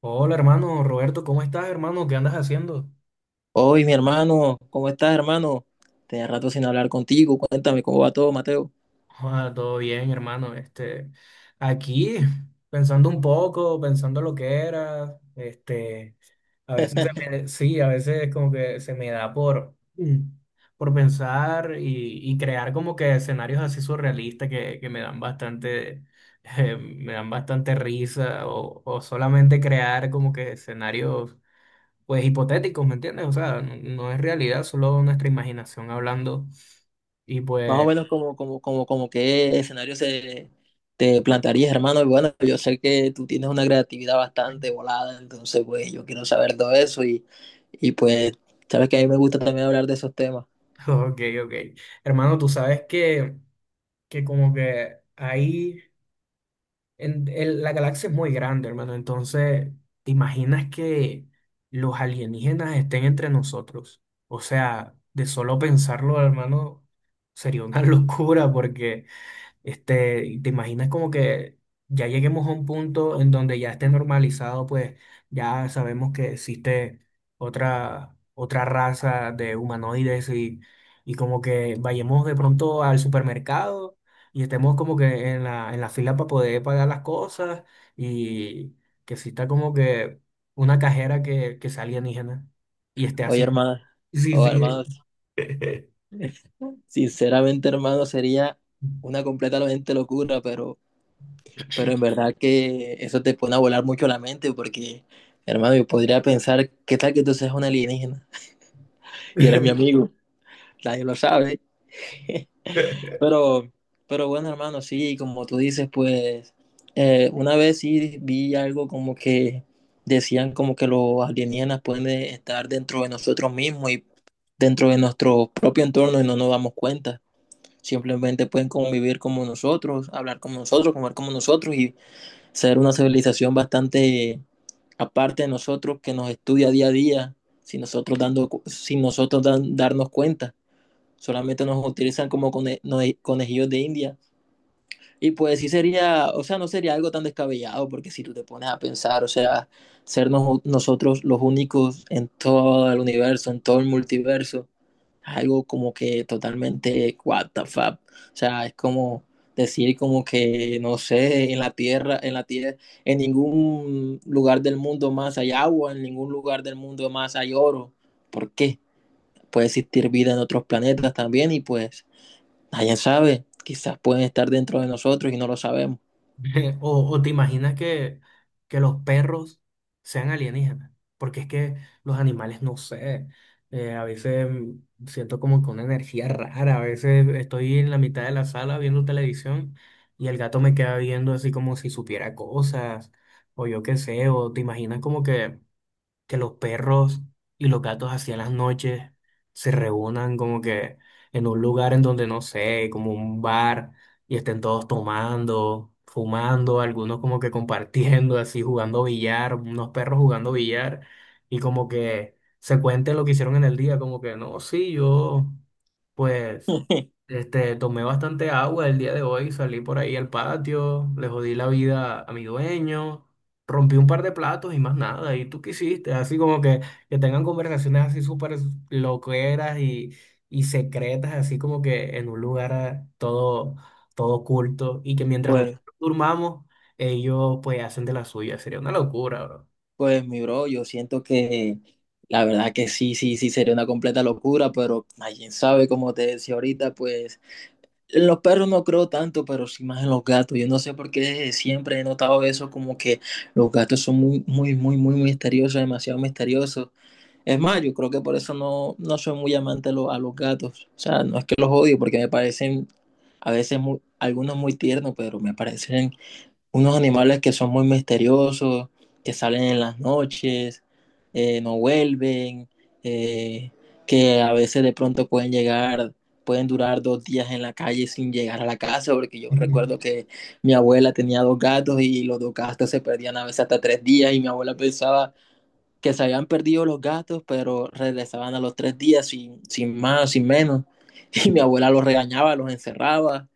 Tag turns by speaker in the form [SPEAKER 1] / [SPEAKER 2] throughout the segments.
[SPEAKER 1] Hola hermano Roberto, ¿cómo estás hermano? ¿Qué andas haciendo?
[SPEAKER 2] Hoy, mi hermano, ¿cómo estás, hermano? Tenía rato sin hablar contigo. Cuéntame cómo va todo, Mateo.
[SPEAKER 1] Ah, todo bien hermano, este, aquí pensando un poco, pensando lo que era, este, a veces se me, sí, a veces como que se me da por, por pensar y crear como que escenarios así surrealistas que me dan bastante, me dan bastante risa o solamente crear como que escenarios pues hipotéticos, ¿me entiendes? O sea, no, no es realidad, solo nuestra imaginación hablando. Y
[SPEAKER 2] Más o
[SPEAKER 1] pues,
[SPEAKER 2] menos como qué escenario se te plantearías, hermano. Y bueno, yo sé que tú tienes una creatividad bastante volada, entonces, pues, yo quiero saber todo eso y pues, sabes que a mí me gusta también hablar de esos temas.
[SPEAKER 1] ok, ok. Hermano, tú sabes que, como que ahí, la galaxia es muy grande, hermano. Entonces, ¿te imaginas que los alienígenas estén entre nosotros? O sea, de solo pensarlo, hermano, sería una locura porque... Este, y te imaginas como que ya lleguemos a un punto en donde ya esté normalizado, pues ya sabemos que existe otra raza de humanoides y como que vayamos de pronto al supermercado y estemos como que en la fila para poder pagar las cosas y que exista como que una cajera que sea alienígena y esté
[SPEAKER 2] Oye,
[SPEAKER 1] así.
[SPEAKER 2] hermano,
[SPEAKER 1] Sí,
[SPEAKER 2] o
[SPEAKER 1] sí.
[SPEAKER 2] hermanos, sinceramente, hermano, sería una completamente locura. Pero en verdad que eso te pone a volar mucho la mente porque, hermano, yo podría pensar, ¿qué tal que tú seas un alienígena? Y eres mi amigo, nadie lo sabe. Pero, pero bueno, hermano, sí, como tú dices, pues una vez sí vi algo como que decían como que los alienígenas pueden estar dentro de nosotros mismos y dentro de nuestro propio entorno y no nos damos cuenta. Simplemente pueden convivir como nosotros, hablar como nosotros, comer como nosotros y ser una civilización bastante aparte de nosotros que nos estudia día a día sin nosotros darnos cuenta. Solamente nos utilizan como cone, no, conejillos de India, y pues sí sería, o sea, no sería algo tan descabellado, porque si tú te pones a pensar, o sea, ser nosotros los únicos en todo el universo, en todo el multiverso, es algo como que totalmente what the fuck. O sea, es como decir como que, no sé, en la Tierra, en ningún lugar del mundo más hay agua, en ningún lugar del mundo más hay oro. ¿Por qué? Puede existir vida en otros planetas también, y pues nadie sabe, quizás pueden estar dentro de nosotros y no lo sabemos.
[SPEAKER 1] O te imaginas que, los perros sean alienígenas, porque es que los animales, no sé, a veces siento como que una energía rara, a veces estoy en la mitad de la sala viendo televisión y el gato me queda viendo así como si supiera cosas, o yo qué sé, o te imaginas como que los perros y los gatos así en las noches se reúnan como que en un lugar en donde no sé, como un bar, y estén todos tomando, fumando, algunos como que compartiendo, así jugando billar, unos perros jugando billar, y como que se cuente lo que hicieron en el día, como que no, sí, yo pues este, tomé bastante agua el día de hoy, salí por ahí al patio, le jodí la vida a mi dueño, rompí un par de platos y más nada. ¿Y tú qué hiciste? Así como que, tengan conversaciones así súper loqueras y secretas, así como que en un lugar todo oculto y que mientras
[SPEAKER 2] Pues,
[SPEAKER 1] nosotros durmamos, ellos pues hacen de la suya. Sería una locura, bro.
[SPEAKER 2] pues mi bro, yo siento que la verdad que sí, sería una completa locura, pero nadie sabe, como te decía ahorita, pues en los perros no creo tanto, pero sí más en los gatos. Yo no sé por qué siempre he notado eso, como que los gatos son muy misteriosos, demasiado misteriosos. Es más, yo creo que por eso no, no soy muy amante a a los gatos. O sea, no es que los odio, porque me parecen a veces muy, algunos muy tiernos, pero me parecen unos animales que son muy misteriosos, que salen en las noches, no vuelven, eh, que a veces de pronto pueden llegar, pueden durar dos días en la calle sin llegar a la casa, porque yo recuerdo que mi abuela tenía dos gatos y los dos gatos se perdían a veces hasta tres días y mi abuela pensaba que se habían perdido los gatos, pero regresaban a los tres días sin, sin más, sin menos. Y mi abuela los regañaba, los encerraba,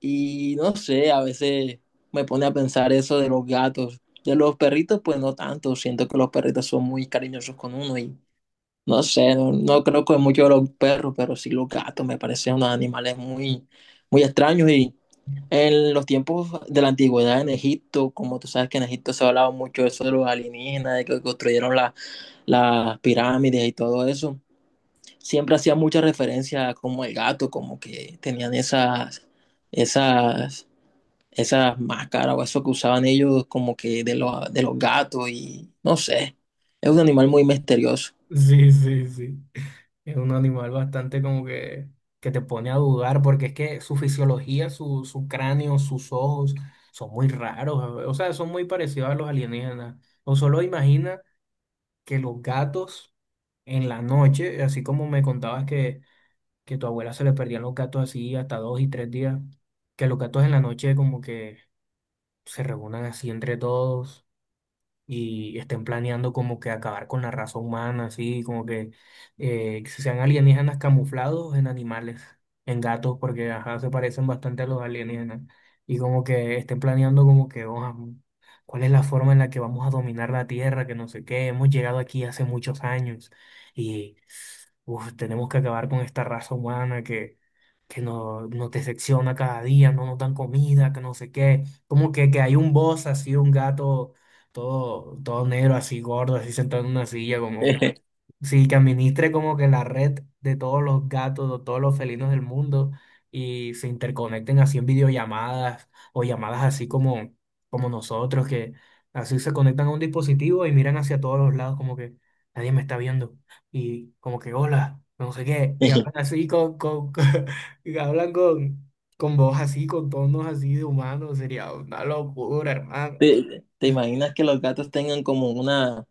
[SPEAKER 2] y no sé, a veces me pone a pensar eso de los gatos. De los perritos, pues no tanto. Siento que los perritos son muy cariñosos con uno y no sé, no, no creo que mucho de los perros, pero sí los gatos me parecen unos animales muy, muy extraños. Y en los tiempos de la antigüedad en Egipto, como tú sabes que en Egipto se hablaba mucho de eso de los alienígenas, de que construyeron las pirámides y todo eso, siempre hacía mucha referencia como el gato, como que tenían esas, esas esas máscaras o eso que usaban ellos como que de los gatos. Y no sé, es un animal muy misterioso.
[SPEAKER 1] Sí, sí, sí. Es un animal bastante como que, te pone a dudar, porque es que su fisiología, su cráneo, sus ojos son muy raros, o sea, son muy parecidos a los alienígenas. O solo imagina que los gatos en la noche, así como me contabas que, tu abuela se le perdían los gatos así hasta dos y tres días, que los gatos en la noche como que se reúnan así entre todos y estén planeando como que acabar con la raza humana, así como que sean alienígenas camuflados en animales, en gatos, porque ajá, se parecen bastante a los alienígenas, y como que estén planeando como que, "Oh, ¿cuál es la forma en la que vamos a dominar la Tierra? Que no sé qué, hemos llegado aquí hace muchos años. Y uf, tenemos que acabar con esta raza humana que nos decepciona cada día, no nos dan comida, que no sé qué. Como que, hay un boss así, un gato todo negro, así gordo, así sentado en una silla, como que... Sí, que administre como que la red de todos los gatos, de todos los felinos del mundo y se interconecten así en videollamadas o llamadas así como nosotros, que así se conectan a un dispositivo y miran hacia todos los lados como que nadie me está viendo y como que hola, no sé qué, y hablan así y hablan con voz así, con tonos así de humanos, sería una locura, hermano.
[SPEAKER 2] ¿Te, te imaginas que los gatos tengan como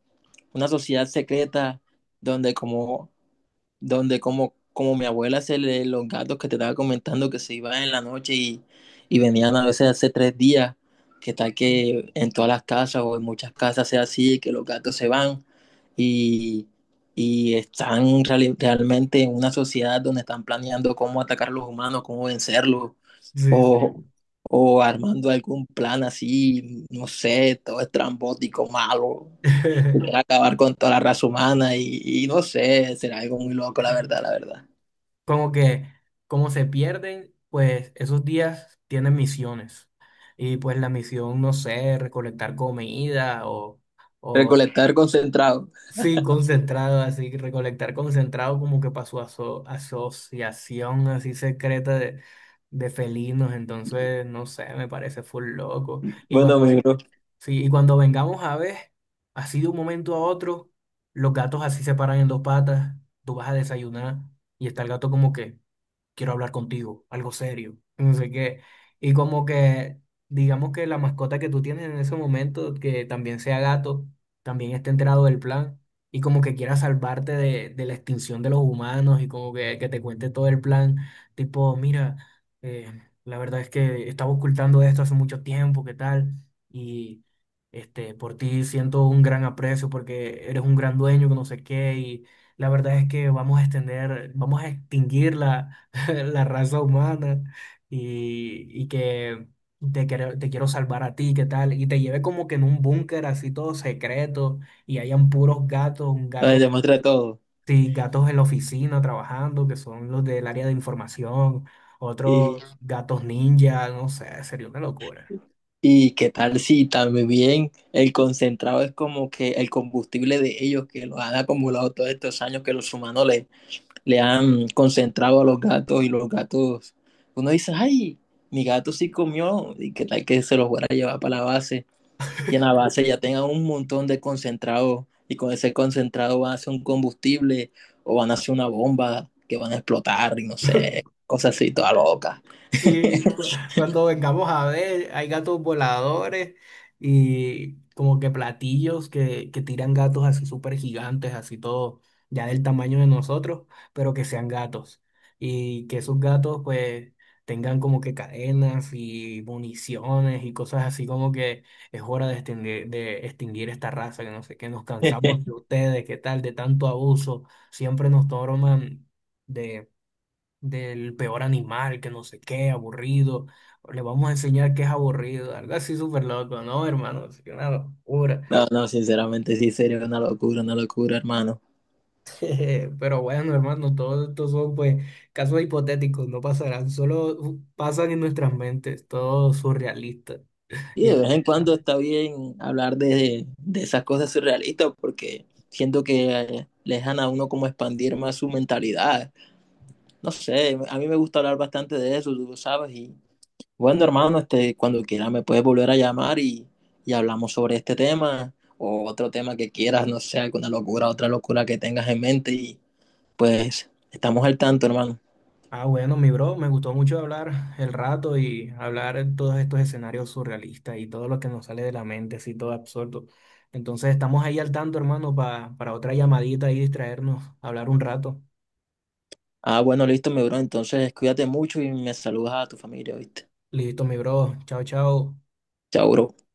[SPEAKER 2] una sociedad secreta donde como mi abuela se le, los gatos que te estaba comentando que se iban en la noche y venían a veces hace tres días, que tal que en todas las casas o en muchas casas sea así, que los gatos se van y, y están realmente en una sociedad donde están planeando cómo atacar a los humanos, cómo vencerlos,
[SPEAKER 1] Sí,
[SPEAKER 2] o,
[SPEAKER 1] sí.
[SPEAKER 2] o armando algún plan así, no sé, todo estrambótico, malo, que quiera acabar con toda la raza humana, y no sé, será algo muy loco, la verdad, la verdad.
[SPEAKER 1] Como que como se pierden, pues esos días tienen misiones. Y pues la misión, no sé, recolectar comida o
[SPEAKER 2] Recolectar concentrado.
[SPEAKER 1] sí, concentrado, así, recolectar concentrado como que para su asociación así secreta de felinos. Entonces, no sé, me parece full loco. Y
[SPEAKER 2] Bueno, mi bro,
[SPEAKER 1] sí, y cuando vengamos a ver, así de un momento a otro, los gatos así se paran en dos patas, tú vas a desayunar y está el gato como que quiero hablar contigo, algo serio, no sé qué. Y como que, digamos que la mascota que tú tienes en ese momento, que también sea gato, también esté enterado del plan y como que quiera salvarte de la extinción de los humanos y como que, te cuente todo el plan, tipo, mira, eh, la verdad es que estaba ocultando esto hace mucho tiempo, ¿qué tal? Y... Este, por ti siento un gran aprecio porque eres un gran dueño, que no sé qué, y la verdad es que vamos a extinguir la raza humana y que te quiero salvar a ti, ¿qué tal? Y te lleve como que en un búnker así todo secreto y hayan puros gatos, un
[SPEAKER 2] nos
[SPEAKER 1] gato,
[SPEAKER 2] demuestra todo.
[SPEAKER 1] sí, gatos en la oficina trabajando, que son los del área de información,
[SPEAKER 2] Y
[SPEAKER 1] otros gatos ninja, no sé, sería una locura.
[SPEAKER 2] ¿Y qué tal si también el concentrado es como que el combustible de ellos que los han acumulado todos estos años que los humanos le, le han concentrado a los gatos? Y los gatos, uno dice, ay, mi gato sí comió, y qué tal que se los fuera a llevar para la base y en la base ya tengan un montón de concentrado y con ese concentrado van a hacer un combustible o van a hacer una bomba que van a explotar, y no sé, cosas así, toda loca.
[SPEAKER 1] Sí, cuando vengamos a ver, hay gatos voladores y como que platillos que tiran gatos así súper gigantes, así todo, ya del tamaño de nosotros, pero que sean gatos. Y que esos gatos pues tengan como que cadenas y municiones y cosas así como que es hora de extinguir esta raza, que no sé, que nos cansamos de ustedes, qué tal, de tanto abuso, siempre nos toman del peor animal, que no sé qué, aburrido, le vamos a enseñar que es aburrido, algo así súper loco, ¿no, hermano? Es una locura.
[SPEAKER 2] No, no, sinceramente sí sería una locura, hermano.
[SPEAKER 1] Jeje, pero bueno, hermano, todos estos son pues casos hipotéticos, no pasarán, solo pasan en nuestras mentes, todo surrealista
[SPEAKER 2] Y
[SPEAKER 1] y
[SPEAKER 2] de vez en
[SPEAKER 1] exagerado.
[SPEAKER 2] cuando está bien hablar de esas cosas surrealistas porque siento que le dejan a uno como expandir más su mentalidad. No sé, a mí me gusta hablar bastante de eso, tú lo sabes. Y bueno, hermano, este, cuando quiera me puedes volver a llamar y hablamos sobre este tema o otro tema que quieras, no sé, alguna locura, otra locura que tengas en mente, y pues estamos al tanto, hermano.
[SPEAKER 1] Ah, bueno, mi bro, me gustó mucho hablar el rato y hablar en todos estos escenarios surrealistas y todo lo que nos sale de la mente, así todo absurdo. Entonces estamos ahí al tanto, hermano, para otra llamadita y distraernos, hablar un rato.
[SPEAKER 2] Ah, bueno, listo, mi bro. Entonces, cuídate mucho y me saludas a tu familia, ¿viste?
[SPEAKER 1] Listo, mi bro. Chao, chao.
[SPEAKER 2] Chao, bro.